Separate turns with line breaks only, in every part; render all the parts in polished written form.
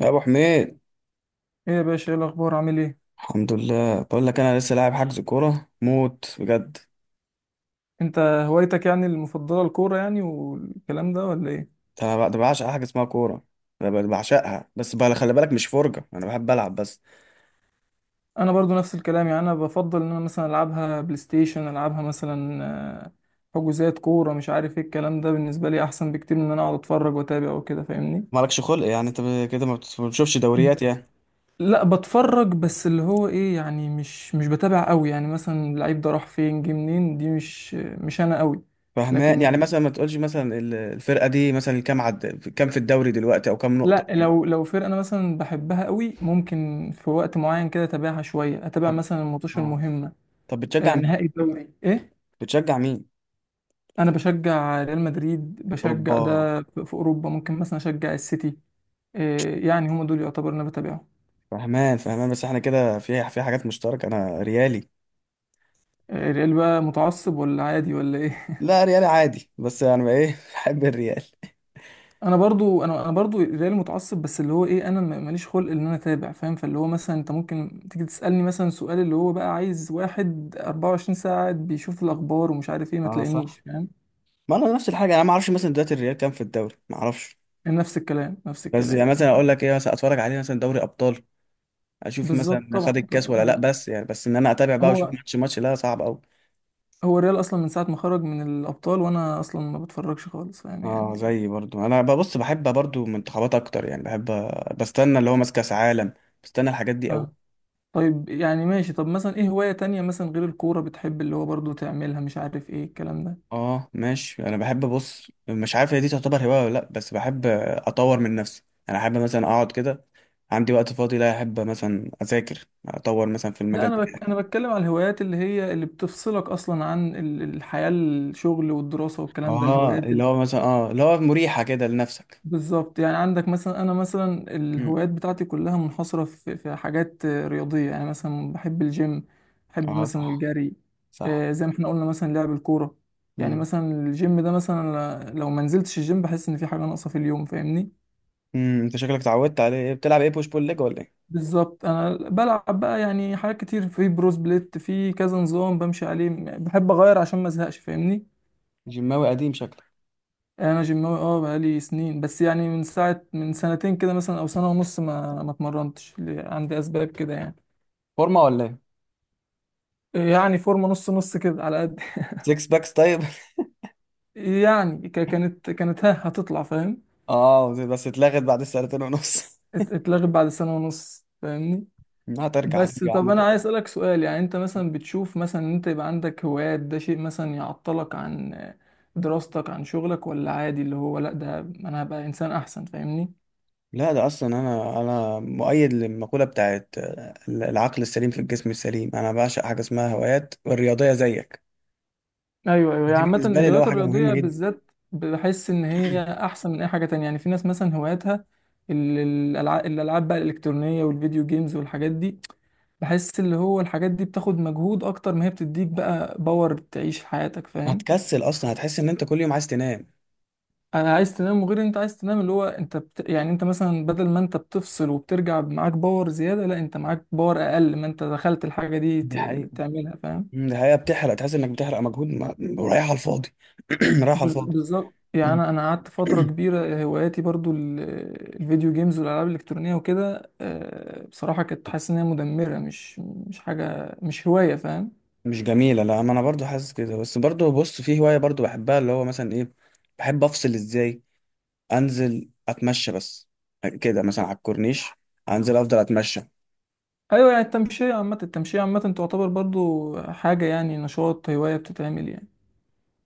يا ابو حميد.
ايه يا باشا، ايه الاخبار؟ عامل ايه؟
الحمد لله، بقول لك انا لسه لاعب حجز كوره موت بجد.
انت هوايتك يعني المفضله الكوره والكلام ده ولا ايه؟
انا ده بعشق حاجه اسمها كوره. انا بعشقها، بس بقى خلي بالك مش فرجه، انا بحب العب بس.
انا برضو نفس الكلام. يعني انا بفضل ان انا مثلا العبها بلاي ستيشن العبها مثلا. آه، حجوزات كوره مش عارف ايه الكلام ده، بالنسبه لي احسن بكتير من ان انا اقعد اتفرج واتابع وكده، فاهمني؟
مالكش خلق يعني، انت كده ما بتشوفش دوريات يعني؟
لا، بتفرج بس، اللي هو ايه يعني، مش بتابع قوي. يعني مثلا اللعيب ده راح فين، جه منين، دي مش انا قوي.
فهمان
لكن
يعني، مثلا ما تقولش مثلا الفرقه دي مثلا كام عد، كام في الدوري دلوقتي، او كام نقطه
لا،
أو حاجة.
لو فرقة أنا مثلا بحبها قوي، ممكن في وقت معين كده أتابعها شوية، أتابع
طب
مثلا الماتش
اه
المهمة.
طب بتشجع مين؟
نهائي الدوري إيه.
بتشجع مين؟
أنا بشجع ريال مدريد، بشجع
اوبا.
ده في أوروبا، ممكن مثلا أشجع السيتي. يعني هما دول يعتبر أنا بتابعهم.
فهمان فهمان، بس احنا كده في حاجات مشتركه، انا ريالي.
الريال بقى متعصب ولا عادي ولا إيه؟
لا، ريالي عادي، بس انا يعني ايه بحب الريال.
أنا برضو، أنا برضو الريال متعصب، بس اللي هو إيه، أنا ماليش خلق إن أنا أتابع، فاهم؟ فاللي هو مثلا أنت ممكن تيجي تسألني مثلا سؤال، اللي هو بقى عايز واحد 24 ساعة قاعد بيشوف الأخبار ومش عارف إيه، ما
اه
تلاقينيش،
صح.
فاهم؟
ما انا نفس الحاجه، انا ما اعرفش مثلا دلوقتي الريال كام في الدوري، ما اعرفش.
نفس الكلام، نفس
بس
الكلام.
يعني مثلا اقول لك ايه، مثلا اتفرج عليه مثلا دوري ابطال، اشوف
بالظبط،
مثلا خد
طبعا طبعا.
الكاس ولا لا،
أنا
بس يعني بس ان انا اتابع بقى واشوف
هو،
ماتش ماتش، لا صعب قوي.
هو الريال اصلا من ساعه ما خرج من الابطال وانا اصلا ما بتفرجش خالص، فاهم
اه،
يعني.
زي برضو انا ببص، بحب برضو منتخبات اكتر، يعني بحب بستنى اللي هو ماسك كاس عالم، بستنى الحاجات دي
ف...
قوي.
طيب يعني ماشي، طب مثلا ايه هوايه تانية مثلا غير الكوره بتحب اللي هو برضو تعملها، مش عارف ايه الكلام ده؟
اه ماشي، انا بحب بص مش عارف هي دي تعتبر هوايه ولا لا، بس بحب اطور من نفسي. انا احب مثلا اقعد كده، عندي وقت فاضي، لا احب مثلا اذاكر اطور مثلا في
لا
المجال
انا
بتاعي.
انا بتكلم على الهوايات اللي هي اللي بتفصلك اصلا عن الحياه، الشغل والدراسه والكلام ده،
اه،
الهوايات.
اللي هو مريحة كده لنفسك.
بالظبط. يعني عندك مثلا، انا مثلا
امم.
الهوايات بتاعتي كلها منحصره في حاجات رياضيه. يعني مثلا بحب الجيم، بحب
اه،
مثلا
صح،
الجري،
صح.
زي ما احنا قلنا مثلا لعب الكوره. يعني
امم،
مثلا الجيم ده، مثلا لو ما نزلتش الجيم بحس ان في حاجه ناقصه في اليوم، فاهمني؟
امم، انت شكلك اتعودت عليه إيه، بتلعب ايه بوش بول ليج ولا ايه؟
بالظبط. انا بلعب بقى يعني حاجات كتير في بروس بليت، في كذا نظام بمشي عليه، بحب اغير عشان ما ازهقش، فاهمني؟
جيماوي قديم شكلك؟
يعني انا جيماوي، اه بقالي سنين، بس يعني من ساعه من سنتين كده مثلا او سنه ونص ما اتمرنتش، عندي اسباب كده يعني.
فورمة ولا ايه؟
يعني فورمه نص نص كده، على قد.
سكس باكس طيب
يعني كانت ها هتطلع، فاهم.
اه، بس اتلغت بعد السنتين ونص.
اتلغت بعد سنه ونص، فاهمني.
لا، هترجع هترجع
بس
يا عم
طب
ما
انا عايز
تقلقش.
اسالك سؤال، يعني انت مثلا بتشوف مثلا ان انت يبقى عندك هوايات ده شيء مثلا يعطلك عن دراستك، عن شغلك، ولا عادي اللي هو لا ده انا هبقى انسان احسن، فاهمني؟
لا، ده اصلا انا مؤيد للمقولة بتاعت العقل السليم في الجسم السليم، انا بعشق حاجة اسمها هوايات والرياضية زيك.
ايوه ايوه. يعني
دي
عامه
بالنسبة لي اللي هو
الهوايات
حاجة مهمة
الرياضيه
جدا.
بالذات بحس ان هي احسن من اي حاجه تانية. يعني في ناس مثلا هواياتها الالعاب، الالعاب بقى الالكترونيه والفيديو جيمز والحاجات دي. بحس اللي هو الحاجات دي بتاخد مجهود اكتر ما هي بتديك بقى باور تعيش حياتك، فاهم.
هتكسل اصلا، هتحس ان انت كل يوم عايز تنام.
انا عايز تنام، وغير إن انت عايز تنام اللي هو انت يعني انت مثلا بدل ما انت بتفصل وبترجع معاك باور زيادة، لا انت معاك باور اقل ما انت دخلت الحاجة دي
دي حقيقة.
تعملها، فاهم.
مم، ده حقيقة، بتحرق تحس انك بتحرق مجهود ما رايح على الفاضي. رايح على الفاضي.
بالظبط. يعني
مم.
انا قعدت فترة كبيرة هواياتي برضو الفيديو جيمز والالعاب الالكترونية وكده، بصراحة كنت حاسس ان هي مدمرة، مش حاجة، مش هواية، فاهم.
مش جميلة، لا ما انا برضو حاسس كده، بس برضو بص، في هواية برضو بحبها اللي هو مثلا ايه، بحب افصل ازاي، انزل اتمشى بس كده مثلا على الكورنيش، انزل افضل اتمشى.
ايوه. يعني التمشية عامة، التمشية عامة تعتبر برضو حاجة يعني، نشاط، هواية بتتعمل يعني،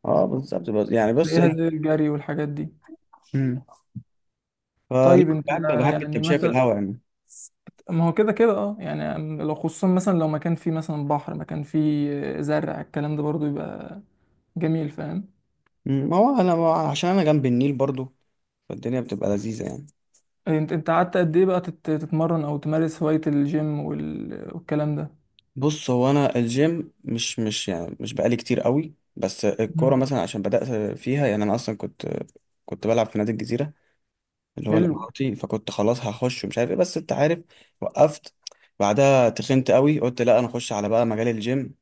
اه بالظبط، يعني بص
زيها
ايه.
زي الجري والحاجات دي.
مم. فلا،
طيب انت
بحب بحب
يعني
التمشية في
مثلا،
الهواء يعني.
ما هو كده كده اه، يعني لو خصوصا مثلا لو مكان فيه مثلا بحر، مكان فيه زرع، الكلام ده برضو يبقى جميل، فاهم.
مم، ما هو عشان انا جنب النيل برضو، فالدنيا بتبقى لذيذة يعني.
انت انت قعدت قد ايه بقى تتمرن او تمارس هواية الجيم والكلام ده؟
بص، هو انا الجيم مش بقالي كتير قوي، بس الكوره
مم.
مثلا عشان بدات فيها، يعني انا اصلا كنت كنت بلعب في نادي الجزيره اللي هو
حلو.
الاماراتي، فكنت خلاص هخش ومش عارف ايه، بس انت عارف، وقفت. بعدها تخنت قوي، قلت لا انا اخش على بقى مجال الجيم.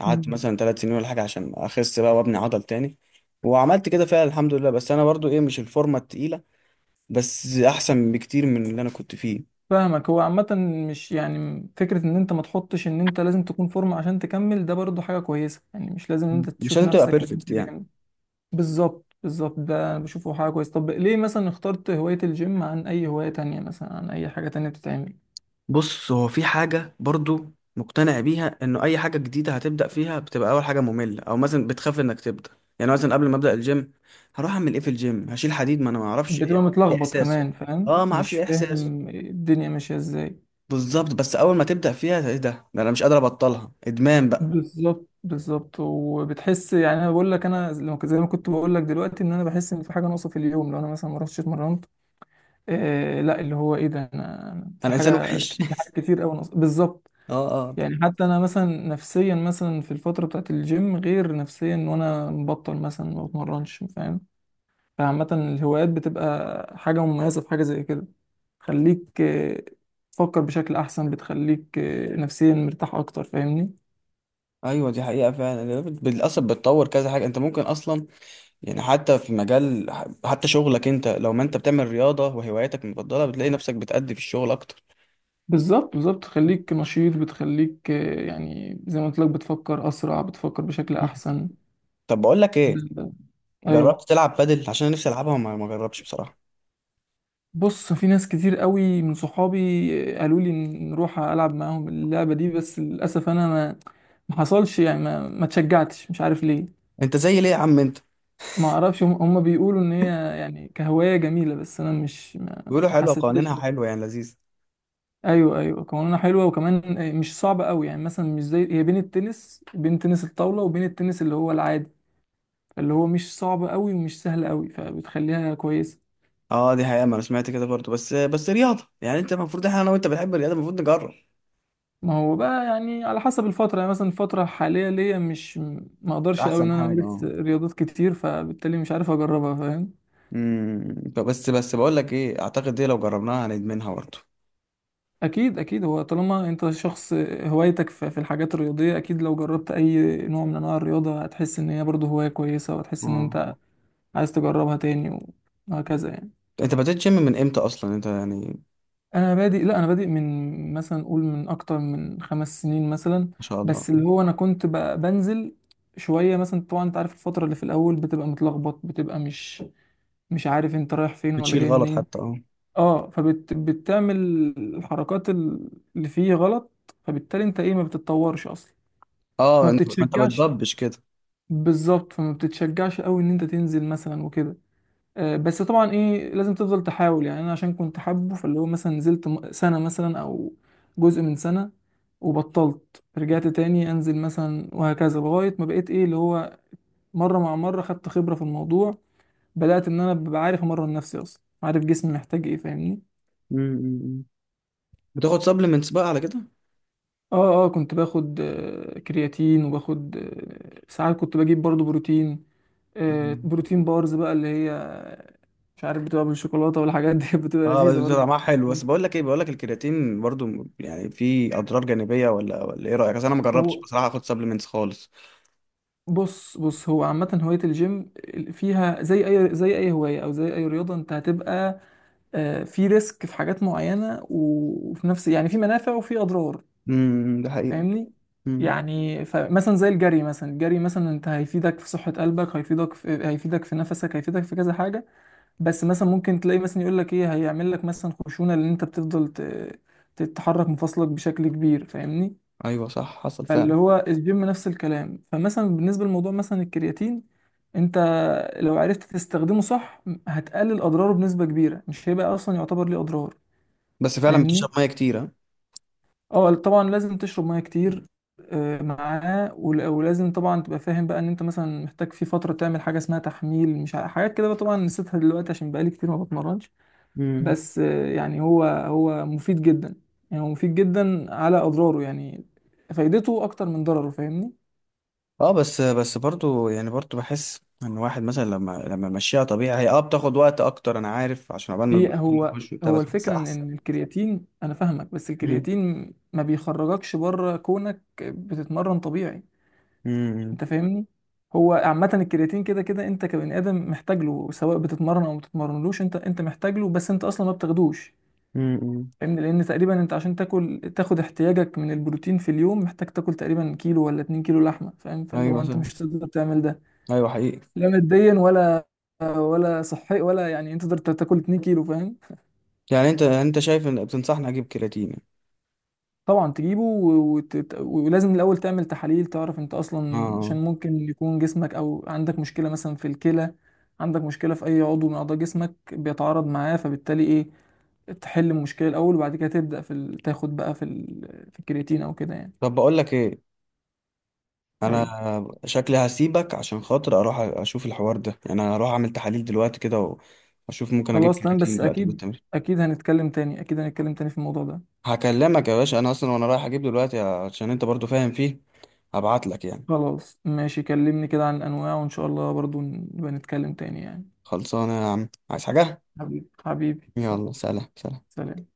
قعدت مثلا 3 سنين ولا حاجه عشان اخس بقى وابني عضل تاني، وعملت كده فعلا الحمد لله. بس انا برضو ايه، مش الفورمه التقيله، بس احسن بكتير من اللي انا كنت فيه.
فاهمك. هو عامة مش يعني فكرة ان انت ما تحطش ان انت لازم تكون فورمة عشان تكمل، ده برضو حاجة كويسة. يعني مش لازم ان انت
مش
تشوف
لازم تبقى
نفسك ان انت
بيرفكت يعني.
جامد. بالظبط بالظبط، ده أنا بشوفه حاجة كويسة. طب ليه مثلا اخترت هواية الجيم عن اي هواية تانية، مثلا عن اي حاجة تانية بتتعمل؟
بص، هو في حاجة برضو مقتنع بيها انه اي حاجة جديدة هتبدأ فيها بتبقى اول حاجة مملة، او مثلا بتخاف انك تبدأ. يعني مثلا قبل ما ابدأ الجيم، هروح اعمل ايه في الجيم، هشيل حديد، ما انا ما اعرفش
بتبقى
يعني ايه
متلخبط
احساسه.
كمان، فاهم،
اه ما اعرفش
مش
ايه احساسه
فاهم الدنيا ماشية ازاي.
بالظبط، بس اول ما تبدأ فيها، ايه ده انا مش قادر ابطلها، ادمان بقى.
بالظبط بالظبط. وبتحس، يعني انا بقول لك انا زي ما كنت بقول لك دلوقتي، ان انا بحس ان في حاجة ناقصة في اليوم لو انا مثلا ما رحتش اتمرنت. آه لا اللي هو ايه، ده انا في
انا انسان
حاجه،
وحش
في حاجات كتير قوي بالظبط.
اه، اه.
يعني حتى انا مثلا نفسيا، مثلا في الفتره بتاعت الجيم غير نفسيا وانا مبطل مثلا ما بتمرنش، فاهم. فعامه الهوايات بتبقى حاجه مميزه، في حاجه زي كده تخليك تفكر بشكل احسن، بتخليك نفسيا مرتاح اكتر، فاهمني.
ايوه دي حقيقة فعلا، للاسف بتطور كذا حاجة، انت ممكن اصلا، يعني حتى في مجال، حتى شغلك، انت لو ما انت بتعمل رياضة وهواياتك المفضلة بتلاقي نفسك بتأدي في الشغل اكتر.
بالظبط بالظبط. تخليك نشيط، بتخليك يعني زي ما قلت لك، بتفكر اسرع، بتفكر بشكل احسن.
طب بقول لك ايه،
ايوه.
جربت تلعب بادل؟ عشان أنا نفسي العبها وما ما جربتش بصراحه.
بص في ناس كتير قوي من صحابي قالوا لي نروح العب معاهم اللعبه دي، بس للاسف انا ما حصلش يعني، ما اتشجعتش، مش عارف ليه.
انت زي ليه يا عم انت؟
ما اعرفش، هم بيقولوا ان هي يعني كهوايه جميله، بس انا مش ما
بيقولوا
ما
حلوه،
حسيتهاش.
قوانينها حلوه يعني، لذيذ.
ايوه ايوه، قوانينها حلوه وكمان مش صعبه قوي. يعني مثلا مش زي هي بين التنس، بين تنس الطاوله وبين التنس اللي هو العادي، اللي هو مش صعب قوي ومش سهل قوي، فبتخليها كويسه.
اه، دي حقيقه، ما انا سمعت كده برضه، بس رياضه يعني، انت المفروض احنا انا وانت بنحب الرياضه المفروض نجرب.
ما هو بقى يعني على حسب الفترة، يعني مثلا الفترة الحالية ليا مش، ما اقدرش قوي
احسن
ان انا
حاجه
امارس
اه.
رياضات كتير، فبالتالي مش عارف اجربها، فاهم.
امم. بس بقول لك ايه، اعتقد دي لو جربناها هندمنها برضه.
اكيد اكيد. هو طالما انت شخص هوايتك في الحاجات الرياضية، اكيد لو جربت اي نوع من انواع الرياضة هتحس ان هي برضه هواية كويسة، وهتحس ان
اه،
انت عايز تجربها تاني وهكذا يعني.
انت بدأت جيم من امتى اصلا انت يعني؟
انا بادئ، لا انا بادئ من مثلا قول من اكتر من خمس سنين مثلا،
ما شاء الله.
بس اللي هو انا كنت بنزل شوية مثلا. طبعا انت عارف الفترة اللي في الأول بتبقى متلخبط، بتبقى مش عارف انت رايح فين ولا
بتشيل
جاي
غلط
منين.
حتى، اه.
اه، فبتعمل الحركات اللي فيه غلط، فبالتالي انت ايه، ما بتتطورش اصلا،
اه،
فما
انت ما انت
بتتشجعش.
بتضبش كده.
بالظبط، فما بتتشجعش قوي ان انت تنزل مثلا وكده. آه بس طبعا ايه، لازم تفضل تحاول. يعني انا عشان كنت حابه، فاللي هو مثلا نزلت سنة مثلا او جزء من سنة، وبطلت رجعت تاني انزل مثلا، وهكذا لغاية ما بقيت ايه اللي هو مرة مع مرة خدت خبرة في الموضوع، بدأت ان انا ببقى عارف امرن نفسي، اصلا عارف جسمي محتاج ايه، فاهمني.
امم. بتاخد سبلمنتس بقى على
اه اه، كنت باخد كرياتين وباخد ساعات كنت بجيب برضو بروتين.
كده؟
بروتين بارز بقى، اللي هي مش عارف بتبقى بالشوكولاتة والحاجات دي بتبقى
اه،
لذيذة
بس
برضو.
طعمها حلو. بس بقول لك الكرياتين برضو يعني فيه اضرار جانبيه ولا ايه رايك؟ اصل انا ما جربتش
هو
بصراحه اخد سبلمنتس خالص.
بص هو عامة هواية الجيم فيها زي أي، زي أي هواية أو زي أي رياضة، أنت هتبقى في ريسك، في حاجات معينة وفي نفس يعني، في منافع وفي أضرار،
ده حقيقه.
فاهمني؟
امم.
يعني فمثلا زي الجري مثلا، الجري مثلا أنت هيفيدك في صحة قلبك، هيفيدك في، هيفيدك في نفسك، هيفيدك في كذا حاجة. بس مثلا ممكن تلاقي مثلا يقول لك ايه، هيعمل لك مثلا خشونه لان انت بتفضل تتحرك مفاصلك بشكل كبير، فاهمني.
ايوه صح حصل فعلا.
فاللي هو الجيم نفس الكلام. فمثلا بالنسبه لموضوع مثلا الكرياتين، انت لو عرفت تستخدمه صح، هتقلل اضراره بنسبه كبيره، مش هيبقى اصلا يعتبر ليه اضرار،
بس فعلا
فاهمني.
بتشرب ميه كتير ها.
اه طبعا، لازم تشرب ميه كتير معاه، ولازم طبعا تبقى فاهم بقى ان انت مثلا محتاج في فتره تعمل حاجه اسمها تحميل، مش حاجات كده بقى طبعا نسيتها دلوقتي عشان بقالي كتير ما بتمرنش.
امم.
بس يعني هو مفيد جدا، يعني هو مفيد جدا، على اضراره يعني فايدته اكتر من ضرره، فاهمني.
اه، بس برضو يعني، برضو بحس ان الواحد مثلا لما مشيها طبيعي هي بتاخد وقت اكتر، انا عارف، عشان عقبال ما
هي
البروتين
هو
يخش وبتاع،
هو
بس بحس
الفكره ان
احسن.
إن الكرياتين، انا فاهمك، بس
امم،
الكرياتين ما بيخرجكش بره كونك بتتمرن طبيعي،
امم،
انت فاهمني. هو عامه الكرياتين كده كده انت كبني ادم محتاج له، سواء بتتمرن او ما بتتمرنلوش انت محتاج له، بس انت اصلا ما بتاخدوش،
امم.
فاهمني. لان تقريبا انت عشان تاكل تاخد احتياجك من البروتين في اليوم، محتاج تاكل تقريبا كيلو ولا 2 كيلو لحمه، فاهم. فاللي
ايوه
هو انت
صح.
مش تقدر تعمل ده،
ايوه حقيقي.
لا ماديا ولا، ولا صحي ولا، يعني انت تقدر تاكل 2 كيلو؟ فاهم.
يعني انت شايف ان بتنصحني اجيب كرياتين؟
طبعا تجيبه، ولازم الاول تعمل تحاليل، تعرف انت اصلا، عشان
اه،
ممكن يكون جسمك او عندك مشكله مثلا في الكلى، عندك مشكله في اي عضو من اعضاء جسمك بيتعارض معاه، فبالتالي ايه، تحل المشكله الاول وبعد كده تبدا في تاخد بقى في في الكرياتين او كده يعني.
طب بقول لك ايه، انا
ايوه.
شكلي هسيبك عشان خاطر اروح اشوف الحوار ده، يعني انا هروح اعمل تحاليل دلوقتي كده واشوف ممكن اجيب
خلاص تمام.
كرياتين
بس
دلوقتي قبل
اكيد،
التمرين.
اكيد هنتكلم تاني، اكيد هنتكلم تاني في الموضوع ده.
هكلمك يا باشا انا اصلا وانا رايح اجيب دلوقتي عشان انت برضو فاهم فيه، هبعت لك يعني.
خلاص ماشي، كلمني كده عن الانواع وان شاء الله برضو نبقى نتكلم تاني يعني.
خلصانه يا عم، عايز حاجه؟
حبيبي حبيبي، سلام.
يلا سلام سلام.
سلام.